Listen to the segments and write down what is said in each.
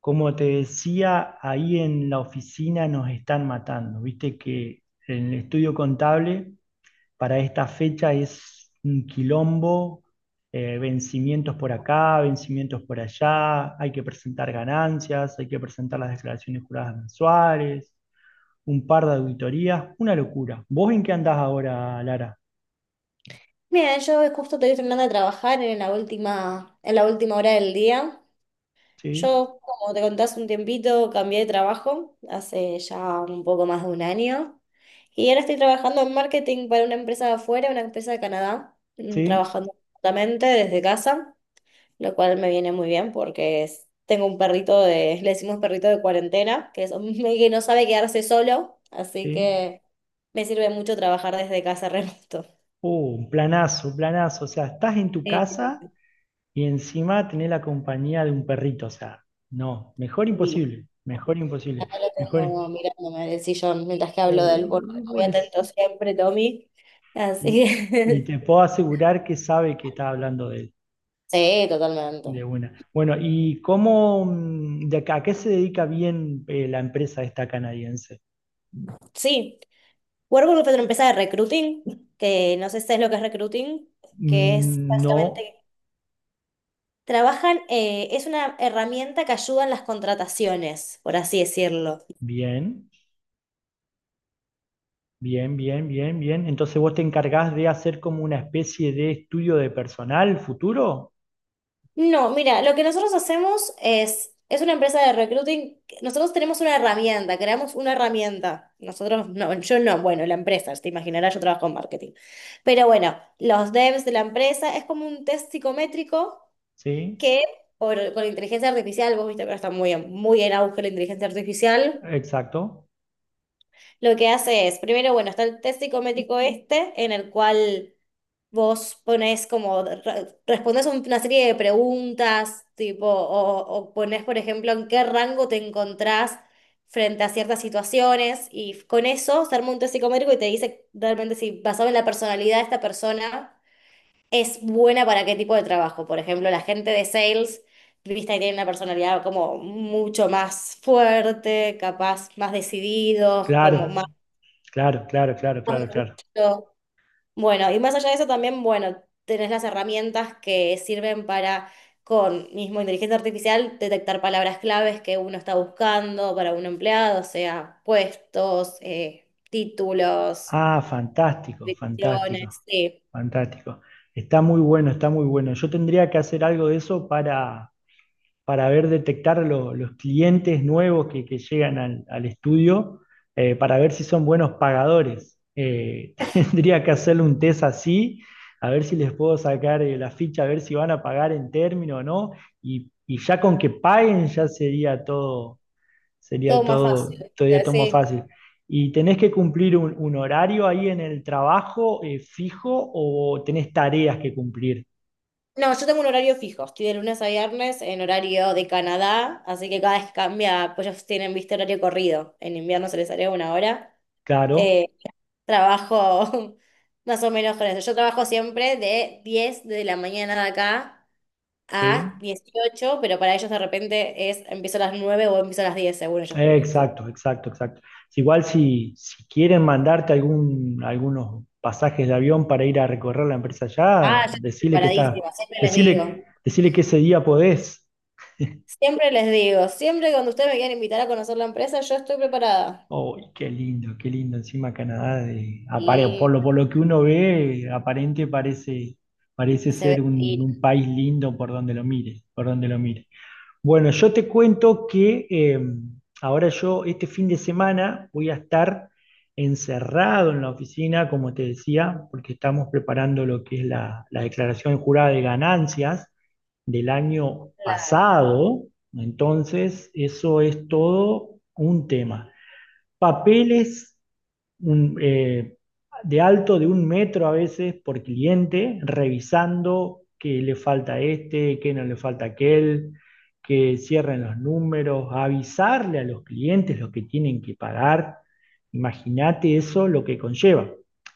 Como te decía, ahí en la oficina nos están matando. Viste que el estudio contable para esta fecha es un quilombo, vencimientos por acá, vencimientos por allá, hay que presentar ganancias, hay que presentar las declaraciones juradas mensuales, un par de auditorías, una locura. ¿Vos en qué andás ahora, Lara? Bien, yo justo estoy terminando de trabajar en la última hora del día. ¿Sí? Yo, como te conté hace un tiempito, cambié de trabajo hace ya un poco más de un año. Y ahora estoy trabajando en marketing para una empresa de afuera, una empresa de Canadá, ¿Sí? trabajando remotamente desde casa, lo cual me viene muy bien porque tengo un perrito de, le decimos perrito de cuarentena, que no sabe quedarse solo, así ¿Sí? que me sirve mucho trabajar desde casa remoto. Oh, un planazo, planazo. O sea, estás en tu Sí. casa. Y encima tener la compañía de un perrito, o sea, no, mejor Uy, imposible, mejor imposible, acá lo mejor... tengo mirándome del sillón mientras que hablo Oh, del porque muy pobrecito. atento siempre, Tommy. Así Y, y que- te puedo asegurar que sabe que está hablando de él, Sí, de totalmente. una. Bueno, ¿y cómo, de acá, a qué se dedica bien la empresa esta canadiense? Sí, Workbook pero empresa de recruiting, que no sé si es lo que es recruiting, que es Mm. No, básicamente, trabajan, es una herramienta que ayuda en las contrataciones, por así decirlo. bien, bien, bien, bien, bien. Entonces vos te encargás de hacer como una especie de estudio de personal futuro, No, mira, lo que nosotros hacemos es una empresa de recruiting, nosotros tenemos una herramienta, creamos una herramienta. Nosotros, no, yo no, bueno, la empresa, te imaginarás, yo trabajo en marketing. Pero bueno, los devs de la empresa es como un test psicométrico ¿sí? que con inteligencia artificial, vos viste que ahora está muy en auge la inteligencia artificial, Exacto. lo que hace es, primero, bueno, está el test psicométrico este, en el cual. Vos pones como, respondes una serie de preguntas, tipo, o pones por ejemplo, en qué rango te encontrás frente a ciertas situaciones, y con eso se arma un test psicométrico y te dice realmente si, basado en la personalidad de esta persona, es buena para qué tipo de trabajo. Por ejemplo, la gente de sales, viste, que tiene una personalidad como mucho más fuerte, capaz, más decididos, como Claro, más. claro, claro, claro, claro, claro. Bueno, y más allá de eso también, bueno, tenés las herramientas que sirven para, con mismo inteligencia artificial, detectar palabras claves que uno está buscando para un empleado, o sea, puestos, títulos, Ah, fantástico, fantástico, direcciones, sí, fantástico. Está muy bueno, está muy bueno. Yo tendría que hacer algo de eso para ver detectar los clientes nuevos que llegan al, al estudio, para ver si son buenos pagadores. Tendría que hacerle un test así, a ver si les puedo sacar la ficha, a ver si van a pagar en término o no. Y ya con que paguen ya sería todo, sería todo más todo, fácil. todavía todo más Sí. fácil. ¿Y tenés que cumplir un horario ahí en el trabajo fijo o tenés tareas que cumplir? No, yo tengo un horario fijo, estoy de lunes a viernes en horario de Canadá, así que cada vez cambia, pues ellos tienen, viste, horario corrido, en invierno se les haría una hora. Claro, eh, Trabajo más o menos con eso. Yo trabajo siempre de 10 de la mañana de acá a sí. 18, pero para ellos de repente es empiezo a las 9 o empiezo a las 10 según ellos, porque nosotros- Exacto, exacto, exacto. Es Igual si quieren mandarte algunos pasajes de avión para ir a recorrer la empresa Ah, allá, yo estoy decirle que está, preparadísima, siempre les decirle, digo. decirle que ese día podés. Siempre les digo, siempre cuando ustedes me quieran invitar a conocer la empresa, yo estoy preparada. Oh, qué lindo, qué lindo. Encima Canadá, Y por lo que uno ve, aparente parece, parece se ser ve, un, y un país lindo por donde lo mire, por donde lo mire. Bueno, yo te cuento que ahora yo este fin de semana voy a estar encerrado en la oficina, como te decía, porque estamos preparando lo que es la declaración jurada de ganancias del año claro, pasado. Entonces, eso es todo un tema papeles un, eh, de alto de un metro a veces por cliente, revisando que le falta a este, que no le falta a aquel, que cierren los números, avisarle a los clientes lo que tienen que pagar. Imagínate eso lo que conlleva.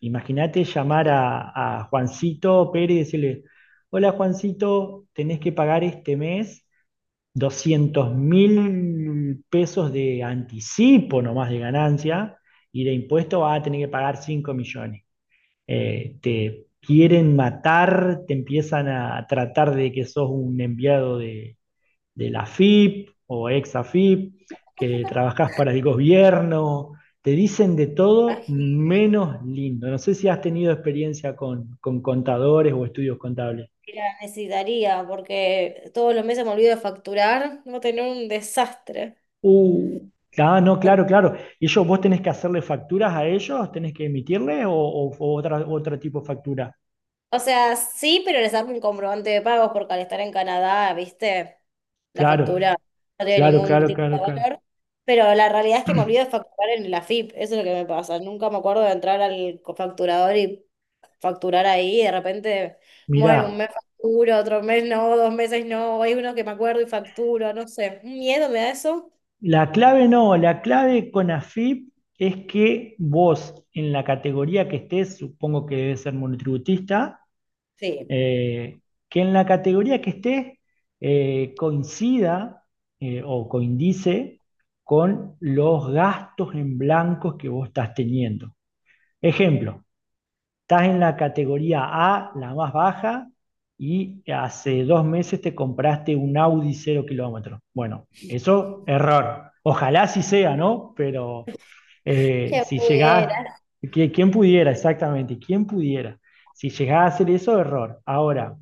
Imagínate llamar a Juancito Pérez y decirle, hola Juancito, tenés que pagar este mes 200 mil pesos de anticipo nomás de ganancia y de impuesto vas a tener que pagar 5 millones. Te quieren matar, te empiezan a tratar de que sos un enviado de la FIP o ex AFIP, que trabajás para el gobierno, te dicen de todo imagino menos lindo. No sé si has tenido experiencia con contadores o estudios contables. que la necesitaría, porque todos los meses me olvido de facturar, no tener un desastre. Uh, ah, no, claro, claro. ¿Y ellos vos tenés que hacerle facturas a ellos? ¿Tenés que emitirle otro tipo de factura? O sea, sí, pero les hago un comprobante de pagos porque al estar en Canadá, viste, la factura Claro, no tiene claro, ningún claro, tipo claro, de claro. valor. Pero la realidad es que me olvido de facturar en la FIP, eso es lo que me pasa. Nunca me acuerdo de entrar al facturador y facturar ahí. Y de repente, bueno, un Mirá, mes facturo, otro mes no, dos meses no. Hay uno que me acuerdo y facturo, no sé. ¿Un miedo me da eso? la clave no, la clave con AFIP es que vos en la categoría que estés, supongo que debes ser monotributista, Sí. eh, que en la categoría que estés coincida o coincide con los gastos en blancos que vos estás teniendo. Ejemplo, estás en la categoría A, la más baja, y hace 2 meses te compraste un Audi cero kilómetros. Bueno, eso, error. Ojalá sí sea, ¿no? Pero Que si llegás, pudiera. que- ¿quién pudiera exactamente? ¿Quién pudiera? Si llegás a hacer eso, error. Ahora,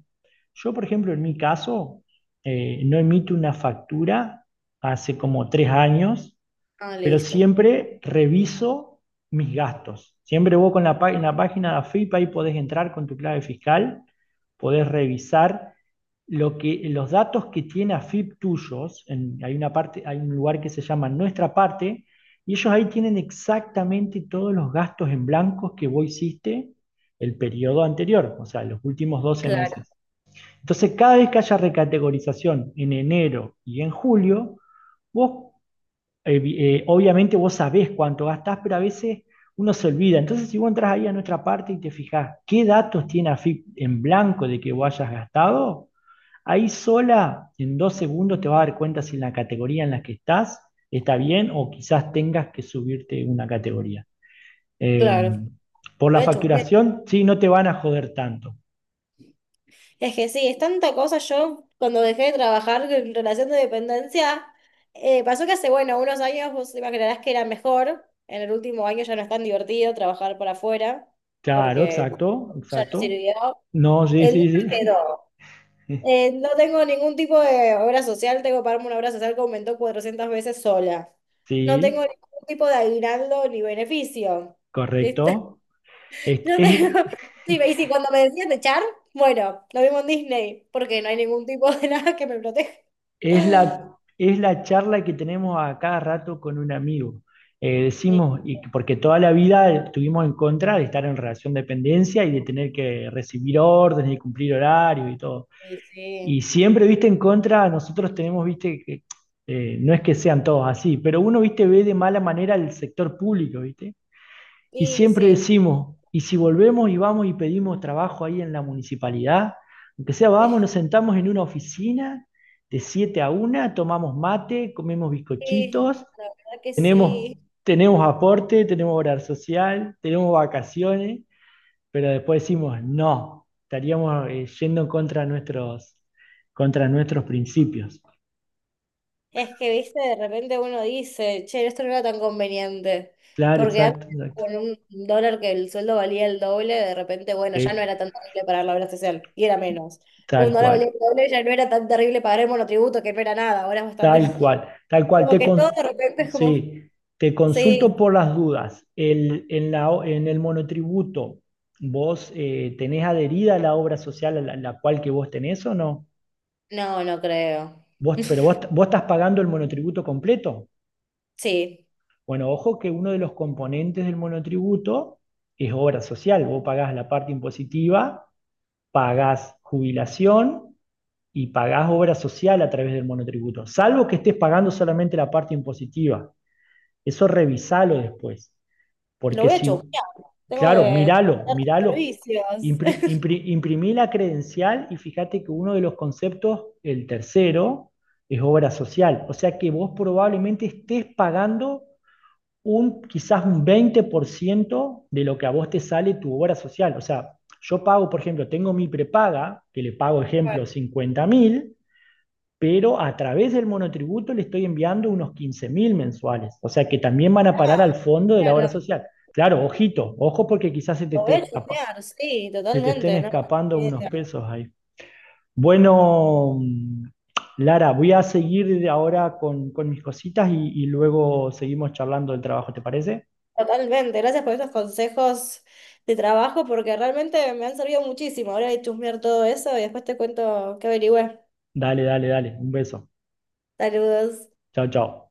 yo, por ejemplo, en mi caso, no emito una factura hace como 3 años Ah, pero listo. siempre reviso mis gastos. Siempre vos con en la página de AFIP ahí podés entrar con tu clave fiscal, podés revisar los datos que tiene AFIP tuyos. Hay una parte, hay un lugar que se llama Nuestra Parte, y ellos ahí tienen exactamente todos los gastos en blancos que vos hiciste el periodo anterior, o sea, los últimos doce Claro, meses. Entonces, cada vez que haya recategorización en enero y en julio, vos eh, obviamente vos sabés cuánto gastás, pero a veces uno se olvida. Entonces, si vos entras ahí a nuestra parte y te fijás qué datos tiene AFIP en blanco de que vos hayas gastado, ahí sola, en 2 segundos, te vas a dar cuenta si en la categoría en la que estás está bien o quizás tengas que subirte una categoría. Eh, claro. por Voy la a chusmear. facturación, sí, no te van a joder tanto. Es que sí, es tanta cosa. Yo, cuando dejé de trabajar en relación de dependencia, pasó que hace, bueno, unos años vos te imaginarás que era mejor. En el último año ya no es tan divertido trabajar por afuera, Claro, porque exacto, ya no exacto. sirvió. No, sí, El sí, libro sí. quedó. No tengo ningún tipo de obra social, tengo que pagarme una obra social que aumentó 400 veces sola. No tengo Sí, ningún tipo de aguinaldo ni beneficio correcto. Es, no es, tengo- Sí, y si cuando me decían de Char, bueno, lo vimos en Disney, porque no hay ningún tipo de nada que me proteja. Es la charla que tenemos a cada rato con un amigo. Y, Decimos, y que- porque toda la vida estuvimos en contra de estar en relación de dependencia y de tener que recibir órdenes y cumplir horarios y todo. y sí, Y siempre, viste, en contra, nosotros tenemos, viste, que no es que sean todos así, pero uno, viste, ve de mala manera el sector público, viste. Y y siempre sí, decimos, y si volvemos y vamos y pedimos trabajo ahí en la municipalidad, aunque sea, vamos, nos sentamos en una oficina de 7 a una tomamos mate, comemos y sí, bizcochitos, la verdad que sí. tenemos, tenemos aporte, tenemos horario social, tenemos vacaciones, pero después decimos, no, estaríamos yendo contra nuestros principios. Es que, viste, de repente uno dice, che, esto no era tan conveniente, Claro, porque antes exacto, exacto. con un dólar que el sueldo valía el doble, de repente, bueno, ya no Sí, era tan terrible pagar la obra social, y era menos. Un tal dólar valía cual. el doble, ya no era tan terrible pagar el monotributo, que no era nada, ahora es bastante Tal más. cual, tal cual. Como que todo de repente es como. Sí, te Sí, consulto por las dudas. En el monotributo, ¿vos tenés adherida la obra social a la cual que vos tenés o no? no, no creo. Vos, pero vos, vos estás pagando el monotributo completo. Sí, Bueno, ojo que uno de los componentes del monotributo es obra social. Vos pagás la parte impositiva, pagás jubilación y pagás obra social a través del monotributo, salvo que estés pagando solamente la parte impositiva. Eso revisalo después, lo porque voy a si, chusmear. Tengo claro, que míralo, contratar tus míralo, servicios. Imprimí la credencial y fíjate que uno de los conceptos, el tercero, es obra social. O sea que vos probablemente estés pagando quizás un 20% de lo que a vos te sale tu obra social. O sea, yo pago, por ejemplo, tengo mi prepaga, que le pago, ejemplo, 50.000, pero a través del monotributo le estoy enviando unos 15 mil mensuales, o sea que también van a parar al Ah, fondo de la obra claro, social. Claro, ojito, ojo porque quizás se te, lo voy a te chusmear, sí, se te estén totalmente. No, escapando unos no, pesos ahí. Bueno, Lara, voy a seguir ahora con mis cositas y luego seguimos charlando del trabajo, ¿te parece? totalmente. Gracias por estos consejos de trabajo porque realmente me han servido muchísimo. Ahora voy a chusmear todo eso y después te cuento qué averigüé. Dale, dale, dale, un beso. Saludos. Chao, chao.